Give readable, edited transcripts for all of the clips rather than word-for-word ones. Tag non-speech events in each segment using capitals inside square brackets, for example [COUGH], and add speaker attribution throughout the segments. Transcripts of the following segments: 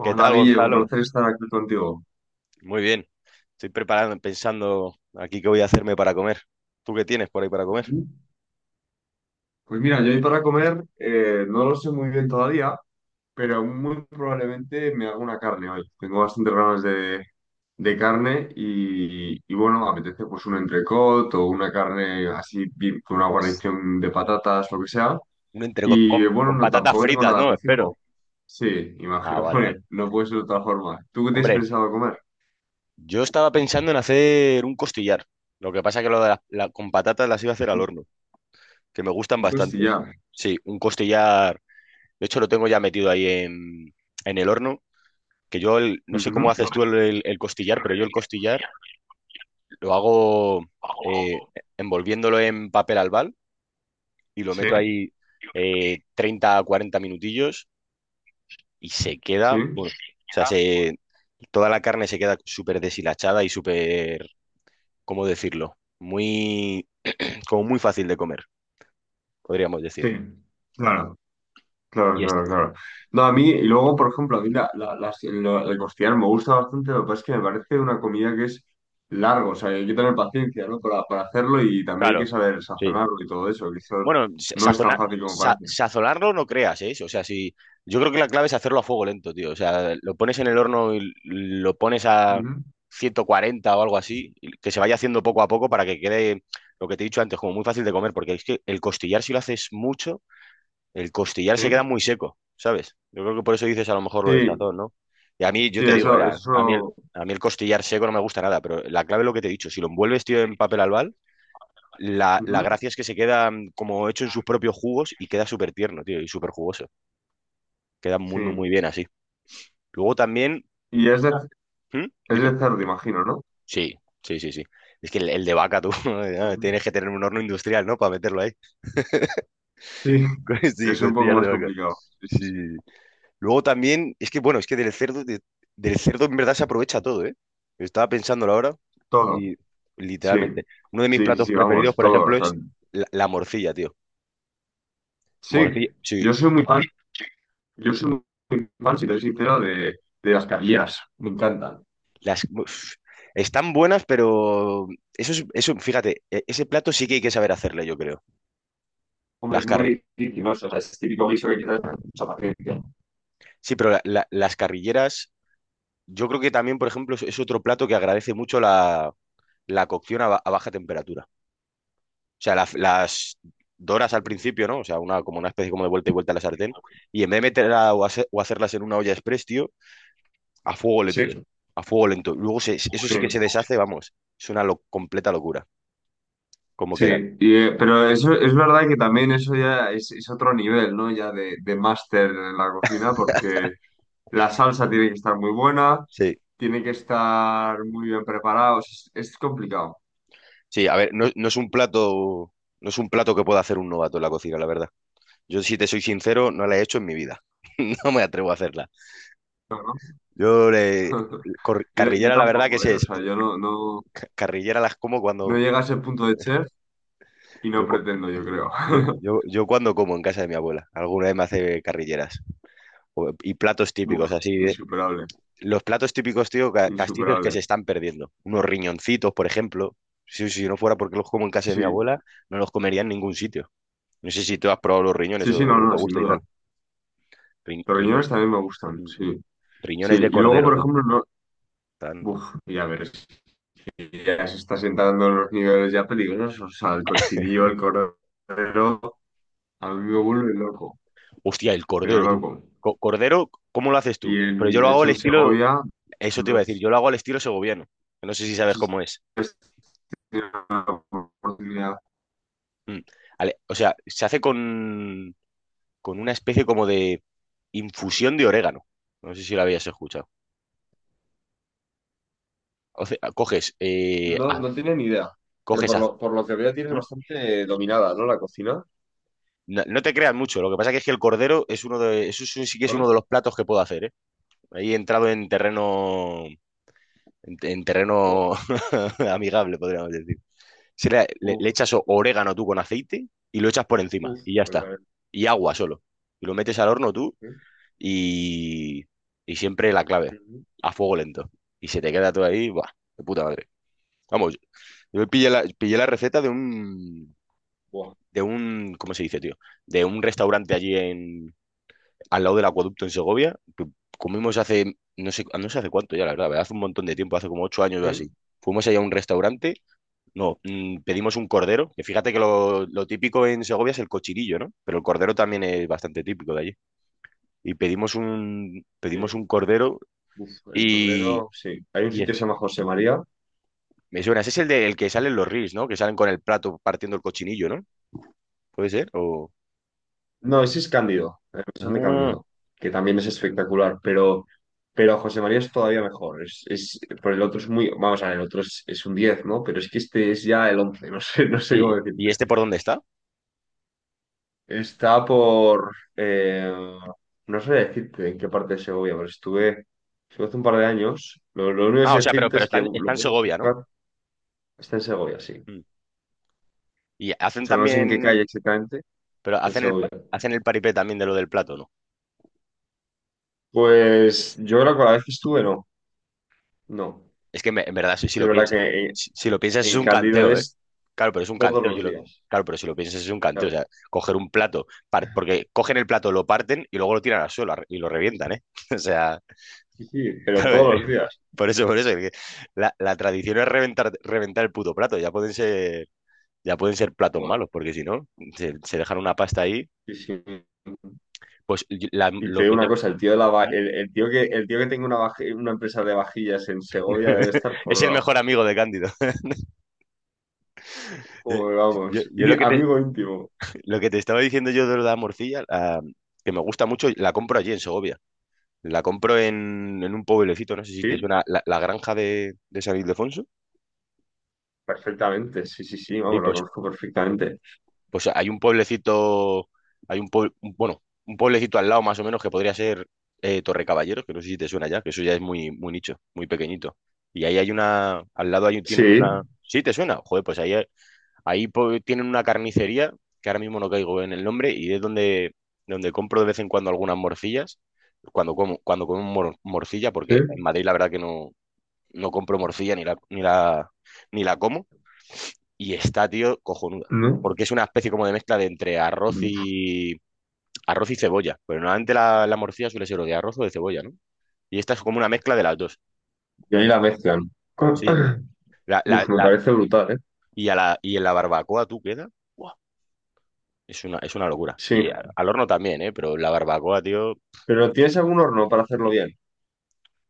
Speaker 1: ¿Qué
Speaker 2: Hola
Speaker 1: tal,
Speaker 2: Guille, un
Speaker 1: Gonzalo?
Speaker 2: placer estar aquí contigo.
Speaker 1: Muy bien. Estoy preparando, pensando aquí qué voy a hacerme para comer. ¿Tú qué tienes por ahí para comer?
Speaker 2: Ujú. Pues mira, yo hoy para comer no lo sé muy bien todavía, pero muy probablemente me haga una carne hoy. Tengo bastantes ganas de carne y bueno, me apetece pues un entrecot o una carne así bien- con una
Speaker 1: Uf.
Speaker 2: guarnición de patatas, lo que sea.
Speaker 1: Un entrecot con,
Speaker 2: Y bueno,
Speaker 1: con
Speaker 2: no,
Speaker 1: patatas
Speaker 2: tampoco tengo
Speaker 1: fritas,
Speaker 2: nada
Speaker 1: ¿no?
Speaker 2: muy
Speaker 1: Espero.
Speaker 2: fijo. Sí,
Speaker 1: Ah,
Speaker 2: imagino, [LAUGHS]
Speaker 1: vale, vale.
Speaker 2: hombre, no puede ser de otra forma. ¿Tú qué te has
Speaker 1: Hombre,
Speaker 2: pensado comer?
Speaker 1: yo estaba pensando en hacer un costillar. Lo que pasa que lo de con patatas las iba a hacer al horno, que me gustan
Speaker 2: Un
Speaker 1: bastante.
Speaker 2: costillar.
Speaker 1: Sí, un costillar. De hecho, lo tengo ya metido ahí en el horno, no sé cómo
Speaker 2: Ujú.
Speaker 1: haces tú el, el costillar, pero yo el costillar lo hago eh, envolviéndolo en papel albal y lo
Speaker 2: Sí.
Speaker 1: meto ahí 30 a 40 minutillos y se
Speaker 2: Sí,
Speaker 1: queda, bueno, o sea, toda la carne se queda súper deshilachada y súper, ¿cómo decirlo? Muy, como muy fácil de comer, podríamos
Speaker 2: sí,
Speaker 1: decir.
Speaker 2: claro, claro,
Speaker 1: Y es,
Speaker 2: claro, claro. No, a mí, y luego, por ejemplo, a mí el costillar me gusta bastante, lo que pasa es que me parece una comida que es largo, o sea, hay que tener paciencia, ¿no? Para hacerlo y también hay que
Speaker 1: claro,
Speaker 2: saber
Speaker 1: sí.
Speaker 2: sazonarlo y todo eso, que eso
Speaker 1: Bueno,
Speaker 2: no es tan fácil como parece.
Speaker 1: sazonarlo no creas, ¿eh? O sea, si yo creo que la clave es hacerlo a fuego lento, tío. O sea, lo pones en el horno y lo pones a
Speaker 2: Ujú,
Speaker 1: 140 o algo así, y que se vaya haciendo poco a poco para que quede lo que te he dicho antes, como muy fácil de comer, porque es que el costillar, si lo haces mucho, el costillar se queda
Speaker 2: sí,
Speaker 1: muy seco, ¿sabes? Yo creo que por eso dices a lo mejor lo del
Speaker 2: sí,
Speaker 1: sazón, ¿no? Y a mí, yo
Speaker 2: sí,
Speaker 1: te digo,
Speaker 2: eso,
Speaker 1: era,
Speaker 2: eso,
Speaker 1: a mí el costillar seco no me gusta nada, pero la clave es lo que te he dicho, si lo envuelves, tío, en papel albal la
Speaker 2: ujú,
Speaker 1: gracia es que se queda como hecho en sus propios jugos y queda súper tierno, tío, y súper jugoso. Queda muy,
Speaker 2: sí.
Speaker 1: muy, muy bien así. Luego también,
Speaker 2: Y
Speaker 1: ¿hmm?
Speaker 2: es
Speaker 1: Dime.
Speaker 2: de cerdo, imagino, ¿no?
Speaker 1: Sí, sí, sí, sí. Es que el de vaca, tú, [LAUGHS]
Speaker 2: Ujú.
Speaker 1: tienes que tener un horno industrial, ¿no? Para meterlo ahí.
Speaker 2: Sí,
Speaker 1: [LAUGHS] Sí,
Speaker 2: es un poco
Speaker 1: costillar de
Speaker 2: más
Speaker 1: vaca.
Speaker 2: complicado. Sí,
Speaker 1: Sí,
Speaker 2: sí,
Speaker 1: sí,
Speaker 2: sí.
Speaker 1: sí. Luego también, es que bueno, es que del cerdo, del cerdo en verdad se aprovecha todo, ¿eh? Estaba pensándolo ahora
Speaker 2: Todo,
Speaker 1: y
Speaker 2: sí.
Speaker 1: literalmente. Uno de mis
Speaker 2: Sí, sí,
Speaker 1: platos
Speaker 2: sí,
Speaker 1: preferidos,
Speaker 2: vamos,
Speaker 1: por
Speaker 2: todo. O
Speaker 1: ejemplo,
Speaker 2: sea,
Speaker 1: es la morcilla, tío.
Speaker 2: sí,
Speaker 1: Morcilla, sí.
Speaker 2: yo soy muy fan, yo soy muy fan, si te soy sincero, de las caviar. Me encantan.
Speaker 1: Las, uf, están buenas, pero eso es, eso, fíjate, ese plato sí que hay que saber hacerle, yo creo.
Speaker 2: Hombre,
Speaker 1: Las
Speaker 2: es
Speaker 1: carri-
Speaker 2: muy difícil, ¿no? O sea, es típico guiso que quizás no mucha paciencia.
Speaker 1: sí, pero las carrilleras, yo creo que también, por ejemplo, es otro plato que agradece mucho la, la cocción a baja temperatura. O sea, las doras al principio, ¿no? O sea, una, como una especie como de vuelta y vuelta a la sartén. Y en vez de meterla o hacerlas en una olla express, tío, a fuego
Speaker 2: Sí,
Speaker 1: lento.
Speaker 2: sí,
Speaker 1: A fuego lento. Luego eso sí que se deshace, vamos. Es una completa locura, cómo quedan.
Speaker 2: sí. Y, pero eso es verdad que también eso ya es otro nivel, ¿no? Ya de máster en la cocina, porque la salsa tiene que estar muy buena,
Speaker 1: Sí.
Speaker 2: tiene que estar muy bien preparada. O sea, es complicado,
Speaker 1: Sí, a ver, no, no es un plato que pueda hacer un novato en la cocina, la verdad. Yo, si te soy sincero, no la he hecho en mi vida. [LAUGHS] No me atrevo a hacerla.
Speaker 2: ¿no?
Speaker 1: Yo,
Speaker 2: [LAUGHS] Yo
Speaker 1: carrillera, la verdad que
Speaker 2: tampoco, ¿eh?
Speaker 1: sé,
Speaker 2: O sea, yo no, no,
Speaker 1: carrillera las como
Speaker 2: no
Speaker 1: cuando,
Speaker 2: llegué a ese punto de chef. Y no
Speaker 1: yo, co-
Speaker 2: pretendo, yo creo.
Speaker 1: yo,
Speaker 2: [LAUGHS]
Speaker 1: yo, yo cuando como en casa de mi abuela. Alguna vez me hace carrilleras. Y platos
Speaker 2: Uf,
Speaker 1: típicos, así.
Speaker 2: insuperable,
Speaker 1: Los platos típicos, tío, castizos que
Speaker 2: insuperable.
Speaker 1: se están perdiendo. Unos riñoncitos, por ejemplo. Si, si no fuera porque los como en casa de mi
Speaker 2: Sí,
Speaker 1: abuela, no los comería en ningún sitio. No sé si tú has probado los riñones
Speaker 2: sí, sí, no,
Speaker 1: o te
Speaker 2: no, sin
Speaker 1: gusta y
Speaker 2: duda.
Speaker 1: tal. Ri-
Speaker 2: Los
Speaker 1: riñón-
Speaker 2: riñones también me gustan,
Speaker 1: mm,
Speaker 2: sí. Sí,
Speaker 1: riñones
Speaker 2: y
Speaker 1: de
Speaker 2: luego,
Speaker 1: cordero,
Speaker 2: por
Speaker 1: tú.
Speaker 2: ejemplo, no.
Speaker 1: Tan...
Speaker 2: Uf, y a ver, si ya se está sentando en los niveles ya peligrosos. O sea, el cochinillo, el cordero, a mí me vuelve loco,
Speaker 1: Hostia, el
Speaker 2: pero
Speaker 1: cordero, tú.
Speaker 2: loco.
Speaker 1: Cordero, ¿cómo lo haces
Speaker 2: Y
Speaker 1: tú? Pero yo
Speaker 2: en,
Speaker 1: lo
Speaker 2: de
Speaker 1: hago
Speaker 2: hecho
Speaker 1: al
Speaker 2: en
Speaker 1: estilo,
Speaker 2: Segovia,
Speaker 1: eso te iba
Speaker 2: no
Speaker 1: a decir,
Speaker 2: sé
Speaker 1: yo lo hago al estilo segoviano. No sé si sabes
Speaker 2: si
Speaker 1: cómo es.
Speaker 2: has tenido la oportunidad.
Speaker 1: Mm. O sea, se hace con una especie como de infusión de orégano. No sé si lo habías escuchado. O sea, coges, eh,
Speaker 2: No,
Speaker 1: a-
Speaker 2: no tiene ni idea, pero
Speaker 1: coges
Speaker 2: por
Speaker 1: az-
Speaker 2: lo, por lo que veo tiene
Speaker 1: ¿Mm?
Speaker 2: bastante dominada, ¿no? La cocina.
Speaker 1: No, no te creas mucho, lo que pasa que es que el cordero es uno de, eso sí sí que es uno
Speaker 2: ¿Vale?
Speaker 1: de los platos que puedo hacer, ¿eh? Ahí he entrado en terreno [LAUGHS] amigable, podríamos decir. Si le
Speaker 2: Uf,
Speaker 1: echas orégano tú con aceite y lo echas por encima
Speaker 2: uf,
Speaker 1: y ya
Speaker 2: me
Speaker 1: está.
Speaker 2: parece.
Speaker 1: Y agua solo. Y lo metes al horno tú
Speaker 2: Sí.
Speaker 1: y, y siempre la clave,
Speaker 2: Ujú.
Speaker 1: a fuego lento. Y se te queda todo ahí, ¡buah! De puta madre. Vamos, yo pillé la receta
Speaker 2: Buah,
Speaker 1: ¿cómo se dice, tío? De un restaurante allí al lado del acueducto en Segovia, que comimos hace, no sé hace cuánto ya, la verdad, hace un montón de tiempo, hace como 8 años o
Speaker 2: sí,
Speaker 1: así. Fuimos allá a un restaurante. No, mm, pedimos un cordero, que fíjate que lo típico en Segovia es el cochirillo, ¿no? Pero el cordero también es bastante típico de allí. Y pedimos un,
Speaker 2: sí.
Speaker 1: pedimos un cordero
Speaker 2: Uf, el
Speaker 1: y,
Speaker 2: cordero, sí. Hay un
Speaker 1: y
Speaker 2: sitio
Speaker 1: es-
Speaker 2: que se llama José María.
Speaker 1: me suena, ese es el que salen los reels, ¿no? Que salen con el plato partiendo el cochinillo, ¿no? ¿Puede ser? O...
Speaker 2: No, ese es Cándido, el mesón de
Speaker 1: Ah,
Speaker 2: Cándido, que también es espectacular, pero José María es todavía mejor. Es, por el otro es muy, vamos a ver, el otro es un diez, ¿no? Pero es que este es ya el once, no sé, [LAUGHS] no sé cómo
Speaker 1: ¿y
Speaker 2: decirte.
Speaker 1: este por dónde está?
Speaker 2: Está por, eh, no sé decirte en qué parte de Segovia, pero estuve hace un par de años. Lo único que
Speaker 1: Ah, o
Speaker 2: sé
Speaker 1: sea, pero,
Speaker 2: decirte
Speaker 1: pero
Speaker 2: es
Speaker 1: está,
Speaker 2: que
Speaker 1: en,
Speaker 2: lo
Speaker 1: está en
Speaker 2: puedes
Speaker 1: Segovia, ¿no?
Speaker 2: buscar, está en Segovia, sí.
Speaker 1: Mm. Y
Speaker 2: O
Speaker 1: hacen
Speaker 2: sea, no sé en qué
Speaker 1: también,
Speaker 2: calle exactamente,
Speaker 1: pero
Speaker 2: en
Speaker 1: hacen el, pa-
Speaker 2: Segovia.
Speaker 1: hacen el paripé también de lo del plato, ¿no?
Speaker 2: Pues yo creo que la vez que estuve, no. No.
Speaker 1: Es que en verdad, si,
Speaker 2: Es
Speaker 1: si
Speaker 2: que
Speaker 1: lo
Speaker 2: es verdad
Speaker 1: piensas,
Speaker 2: que
Speaker 1: si, si lo piensas es
Speaker 2: en
Speaker 1: un
Speaker 2: Cándido
Speaker 1: canteo, ¿eh?
Speaker 2: es
Speaker 1: Claro, pero es un
Speaker 2: todos
Speaker 1: canteo, si
Speaker 2: los
Speaker 1: lo,
Speaker 2: días.
Speaker 1: claro, pero si lo piensas es un canteo, o
Speaker 2: Claro.
Speaker 1: sea, coger un plato, porque cogen el plato, lo parten y luego lo tiran al suelo y lo revientan, ¿eh? [LAUGHS] O sea,
Speaker 2: Sí, sí, pero
Speaker 1: claro,
Speaker 2: todos los días.
Speaker 1: [LAUGHS] por eso, que la tradición es reventar el puto plato, ya pueden ser platos
Speaker 2: Joder.
Speaker 1: malos, porque si no, se dejan una pasta ahí,
Speaker 2: Sí, sí.
Speaker 1: pues y- la-
Speaker 2: Y te
Speaker 1: lo
Speaker 2: digo
Speaker 1: que
Speaker 2: una
Speaker 1: te...
Speaker 2: cosa, el tío de la va- el tío que tenga una, vaji- una empresa de vajillas en Segovia debe
Speaker 1: [LAUGHS]
Speaker 2: estar
Speaker 1: Es el
Speaker 2: forrado.
Speaker 1: mejor amigo de Cándido. [LAUGHS] Yo,
Speaker 2: Joder,
Speaker 1: yo-
Speaker 2: vamos.
Speaker 1: yo
Speaker 2: Y
Speaker 1: lo que te,
Speaker 2: amigo íntimo.
Speaker 1: Lo que te estaba diciendo yo de la morcilla, que me gusta mucho, la compro allí en Segovia. La compro en un pueblecito, no sé si te
Speaker 2: Sí,
Speaker 1: suena, La Granja de San Ildefonso.
Speaker 2: perfectamente. Sí, sí, sí,
Speaker 1: Y
Speaker 2: vamos, lo
Speaker 1: pues,
Speaker 2: conozco perfectamente.
Speaker 1: hay un pueblecito, hay un pueblo, bueno, un pueblecito al lado más o menos que podría ser Torre Caballeros, que no sé si te suena ya, que eso ya es muy, muy nicho, muy pequeñito. Y ahí hay una, al lado hay, tienen
Speaker 2: Sí,
Speaker 1: una. Sí, te suena. Joder, pues ahí tienen una carnicería, que ahora mismo no caigo en el nombre, y es donde, donde compro de vez en cuando algunas morcillas, cuando como morcilla,
Speaker 2: sí,
Speaker 1: porque en Madrid la verdad que no, no compro morcilla ni la como, y está, tío, cojonuda.
Speaker 2: ¿no?
Speaker 1: Porque es una especie como de mezcla de entre
Speaker 2: Y
Speaker 1: arroz y cebolla. Pero normalmente la morcilla suele ser o de arroz o de cebolla, ¿no? Y esta es como una mezcla de las dos.
Speaker 2: ahí la mezclan.
Speaker 1: Sí.
Speaker 2: [CLEARS THROAT]
Speaker 1: La, la,
Speaker 2: Uf, me
Speaker 1: la,
Speaker 2: parece brutal, ¿eh?
Speaker 1: y, a la, y en la barbacoa tú queda. Es una locura.
Speaker 2: Sí.
Speaker 1: Y al horno también, ¿eh? Pero la barbacoa, tío.
Speaker 2: ¿Pero tienes algún horno para hacerlo bien?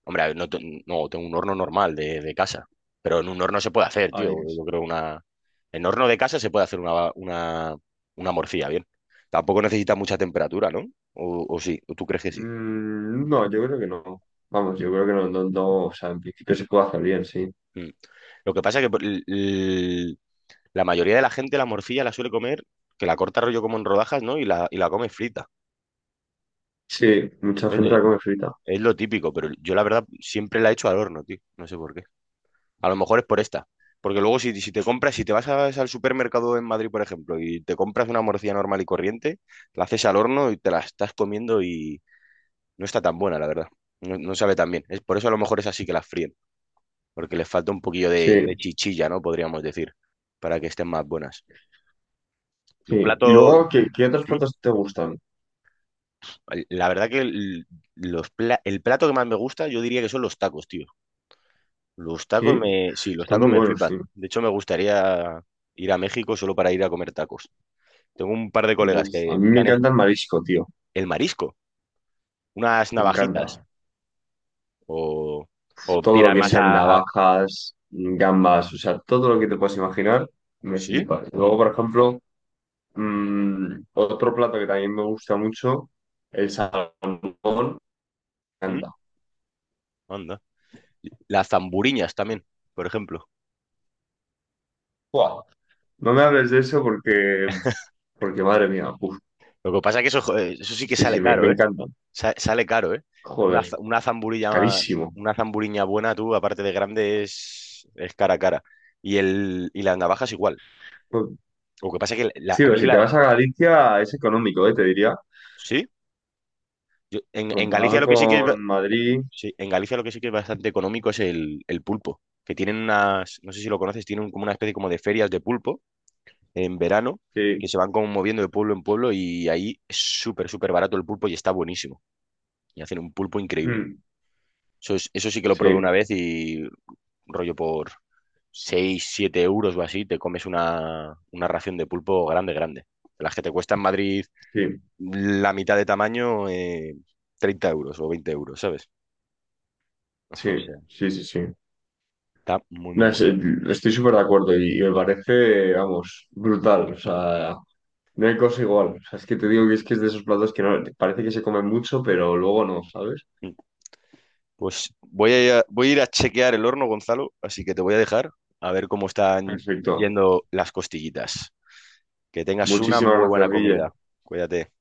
Speaker 1: Hombre, a ver, no, no, tengo un horno normal de casa. Pero en un horno se puede hacer, tío.
Speaker 2: Adiós.
Speaker 1: Yo creo una. En horno de casa se puede hacer una, una morcilla, bien. Tampoco necesita mucha temperatura, ¿no? O sí, ¿o tú crees que sí?
Speaker 2: Mm, no, yo creo que no. Vamos, yo creo que no, no, no. O sea, en principio se puede hacer bien, sí.
Speaker 1: Mm. Lo que pasa es que la mayoría de la gente la morcilla la suele comer, que la corta rollo como en rodajas, ¿no? Y la come frita.
Speaker 2: Sí, mucha
Speaker 1: Es,
Speaker 2: gente
Speaker 1: de-
Speaker 2: la come frita.
Speaker 1: es lo típico, pero yo la verdad siempre la he hecho al horno, tío. No sé por qué. A lo mejor es por esta. Porque luego si, si te compras, si te vas al supermercado en Madrid, por ejemplo, y te compras una morcilla normal y corriente, la haces al horno y te la estás comiendo y no está tan buena, la verdad. No, no sabe tan bien. Es por eso a lo mejor es así que las fríen, porque les falta un poquillo de
Speaker 2: Sí,
Speaker 1: chichilla, ¿no? Podríamos decir, para que estén más buenas. Tu
Speaker 2: sí. Y
Speaker 1: plato...
Speaker 2: luego, ¿qué, qué otros
Speaker 1: ¿Mm?
Speaker 2: platos te gustan?
Speaker 1: La verdad que el, el plato que más me gusta, yo diría que son los tacos, tío. Los tacos
Speaker 2: Sí,
Speaker 1: me... Sí, los
Speaker 2: están
Speaker 1: tacos
Speaker 2: muy
Speaker 1: me
Speaker 2: buenos,
Speaker 1: flipan.
Speaker 2: sí.
Speaker 1: De hecho, me gustaría ir a México solo para ir a comer tacos. Tengo un par de colegas
Speaker 2: Uf, a
Speaker 1: que
Speaker 2: mí
Speaker 1: que
Speaker 2: me
Speaker 1: han
Speaker 2: encanta el marisco, tío.
Speaker 1: el marisco, unas
Speaker 2: Me encanta.
Speaker 1: navajitas, o, o
Speaker 2: Todo lo
Speaker 1: tiran
Speaker 2: que
Speaker 1: más
Speaker 2: sean navajas, gambas, o sea, todo lo que te puedas imaginar, me
Speaker 1: ¿Sí?
Speaker 2: flipa. Luego, por ejemplo. Mm, otro plato que también me gusta mucho, el salmón, me
Speaker 1: ¿Mm?
Speaker 2: encanta.
Speaker 1: Anda. Las zamburiñas también, por ejemplo.
Speaker 2: ¡Buah! No me hables de eso porque, porque madre mía, uf,
Speaker 1: Lo que pasa es que eso, joder, eso sí que
Speaker 2: sí,
Speaker 1: sale
Speaker 2: sí, me
Speaker 1: caro, ¿eh?
Speaker 2: encanta.
Speaker 1: Sale caro, ¿eh?
Speaker 2: Joder,
Speaker 1: Una
Speaker 2: es
Speaker 1: zamburilla,
Speaker 2: carísimo.
Speaker 1: una zamburiña buena, tú, aparte de grande, es cara a cara. Y las navajas igual.
Speaker 2: Pues,
Speaker 1: Lo que pasa es que
Speaker 2: sí,
Speaker 1: a
Speaker 2: pero
Speaker 1: mí
Speaker 2: si te
Speaker 1: la...
Speaker 2: vas a Galicia es económico, te diría.
Speaker 1: ¿Sí? En Galicia
Speaker 2: Comparado
Speaker 1: lo que sí que es...
Speaker 2: con Madrid,
Speaker 1: Sí, en Galicia lo que sí que es bastante económico es el pulpo, que tienen unas, no sé si lo conoces, tienen como una especie como de ferias de pulpo en verano, que
Speaker 2: sí.
Speaker 1: se van como moviendo de pueblo en pueblo y ahí es súper, súper barato el pulpo y está buenísimo. Y hacen un pulpo increíble.
Speaker 2: Mm,
Speaker 1: Eso, eso sí que lo probé una
Speaker 2: sí,
Speaker 1: vez y rollo por 6 7 euros o así, te comes una ración de pulpo grande, grande. De las que te cuesta en Madrid
Speaker 2: sí,
Speaker 1: la mitad de tamaño, 30 euros o 20 euros, ¿sabes?
Speaker 2: sí,
Speaker 1: [LAUGHS] O sea,
Speaker 2: sí, sí, sí.
Speaker 1: está muy, muy,
Speaker 2: No, es-
Speaker 1: muy bueno.
Speaker 2: estoy súper de acuerdo y me parece, vamos, brutal. O sea, no hay cosa igual. O sea, es que te digo que es de esos platos que no, parece que se comen mucho, pero luego no, ¿sabes?
Speaker 1: Pues voy a, voy a ir a chequear el horno, Gonzalo, así que te voy a dejar a ver cómo están
Speaker 2: Perfecto.
Speaker 1: yendo las costillitas. Que tengas una
Speaker 2: Muchísimas
Speaker 1: muy
Speaker 2: gracias,
Speaker 1: buena
Speaker 2: Guille.
Speaker 1: comida. Cuídate.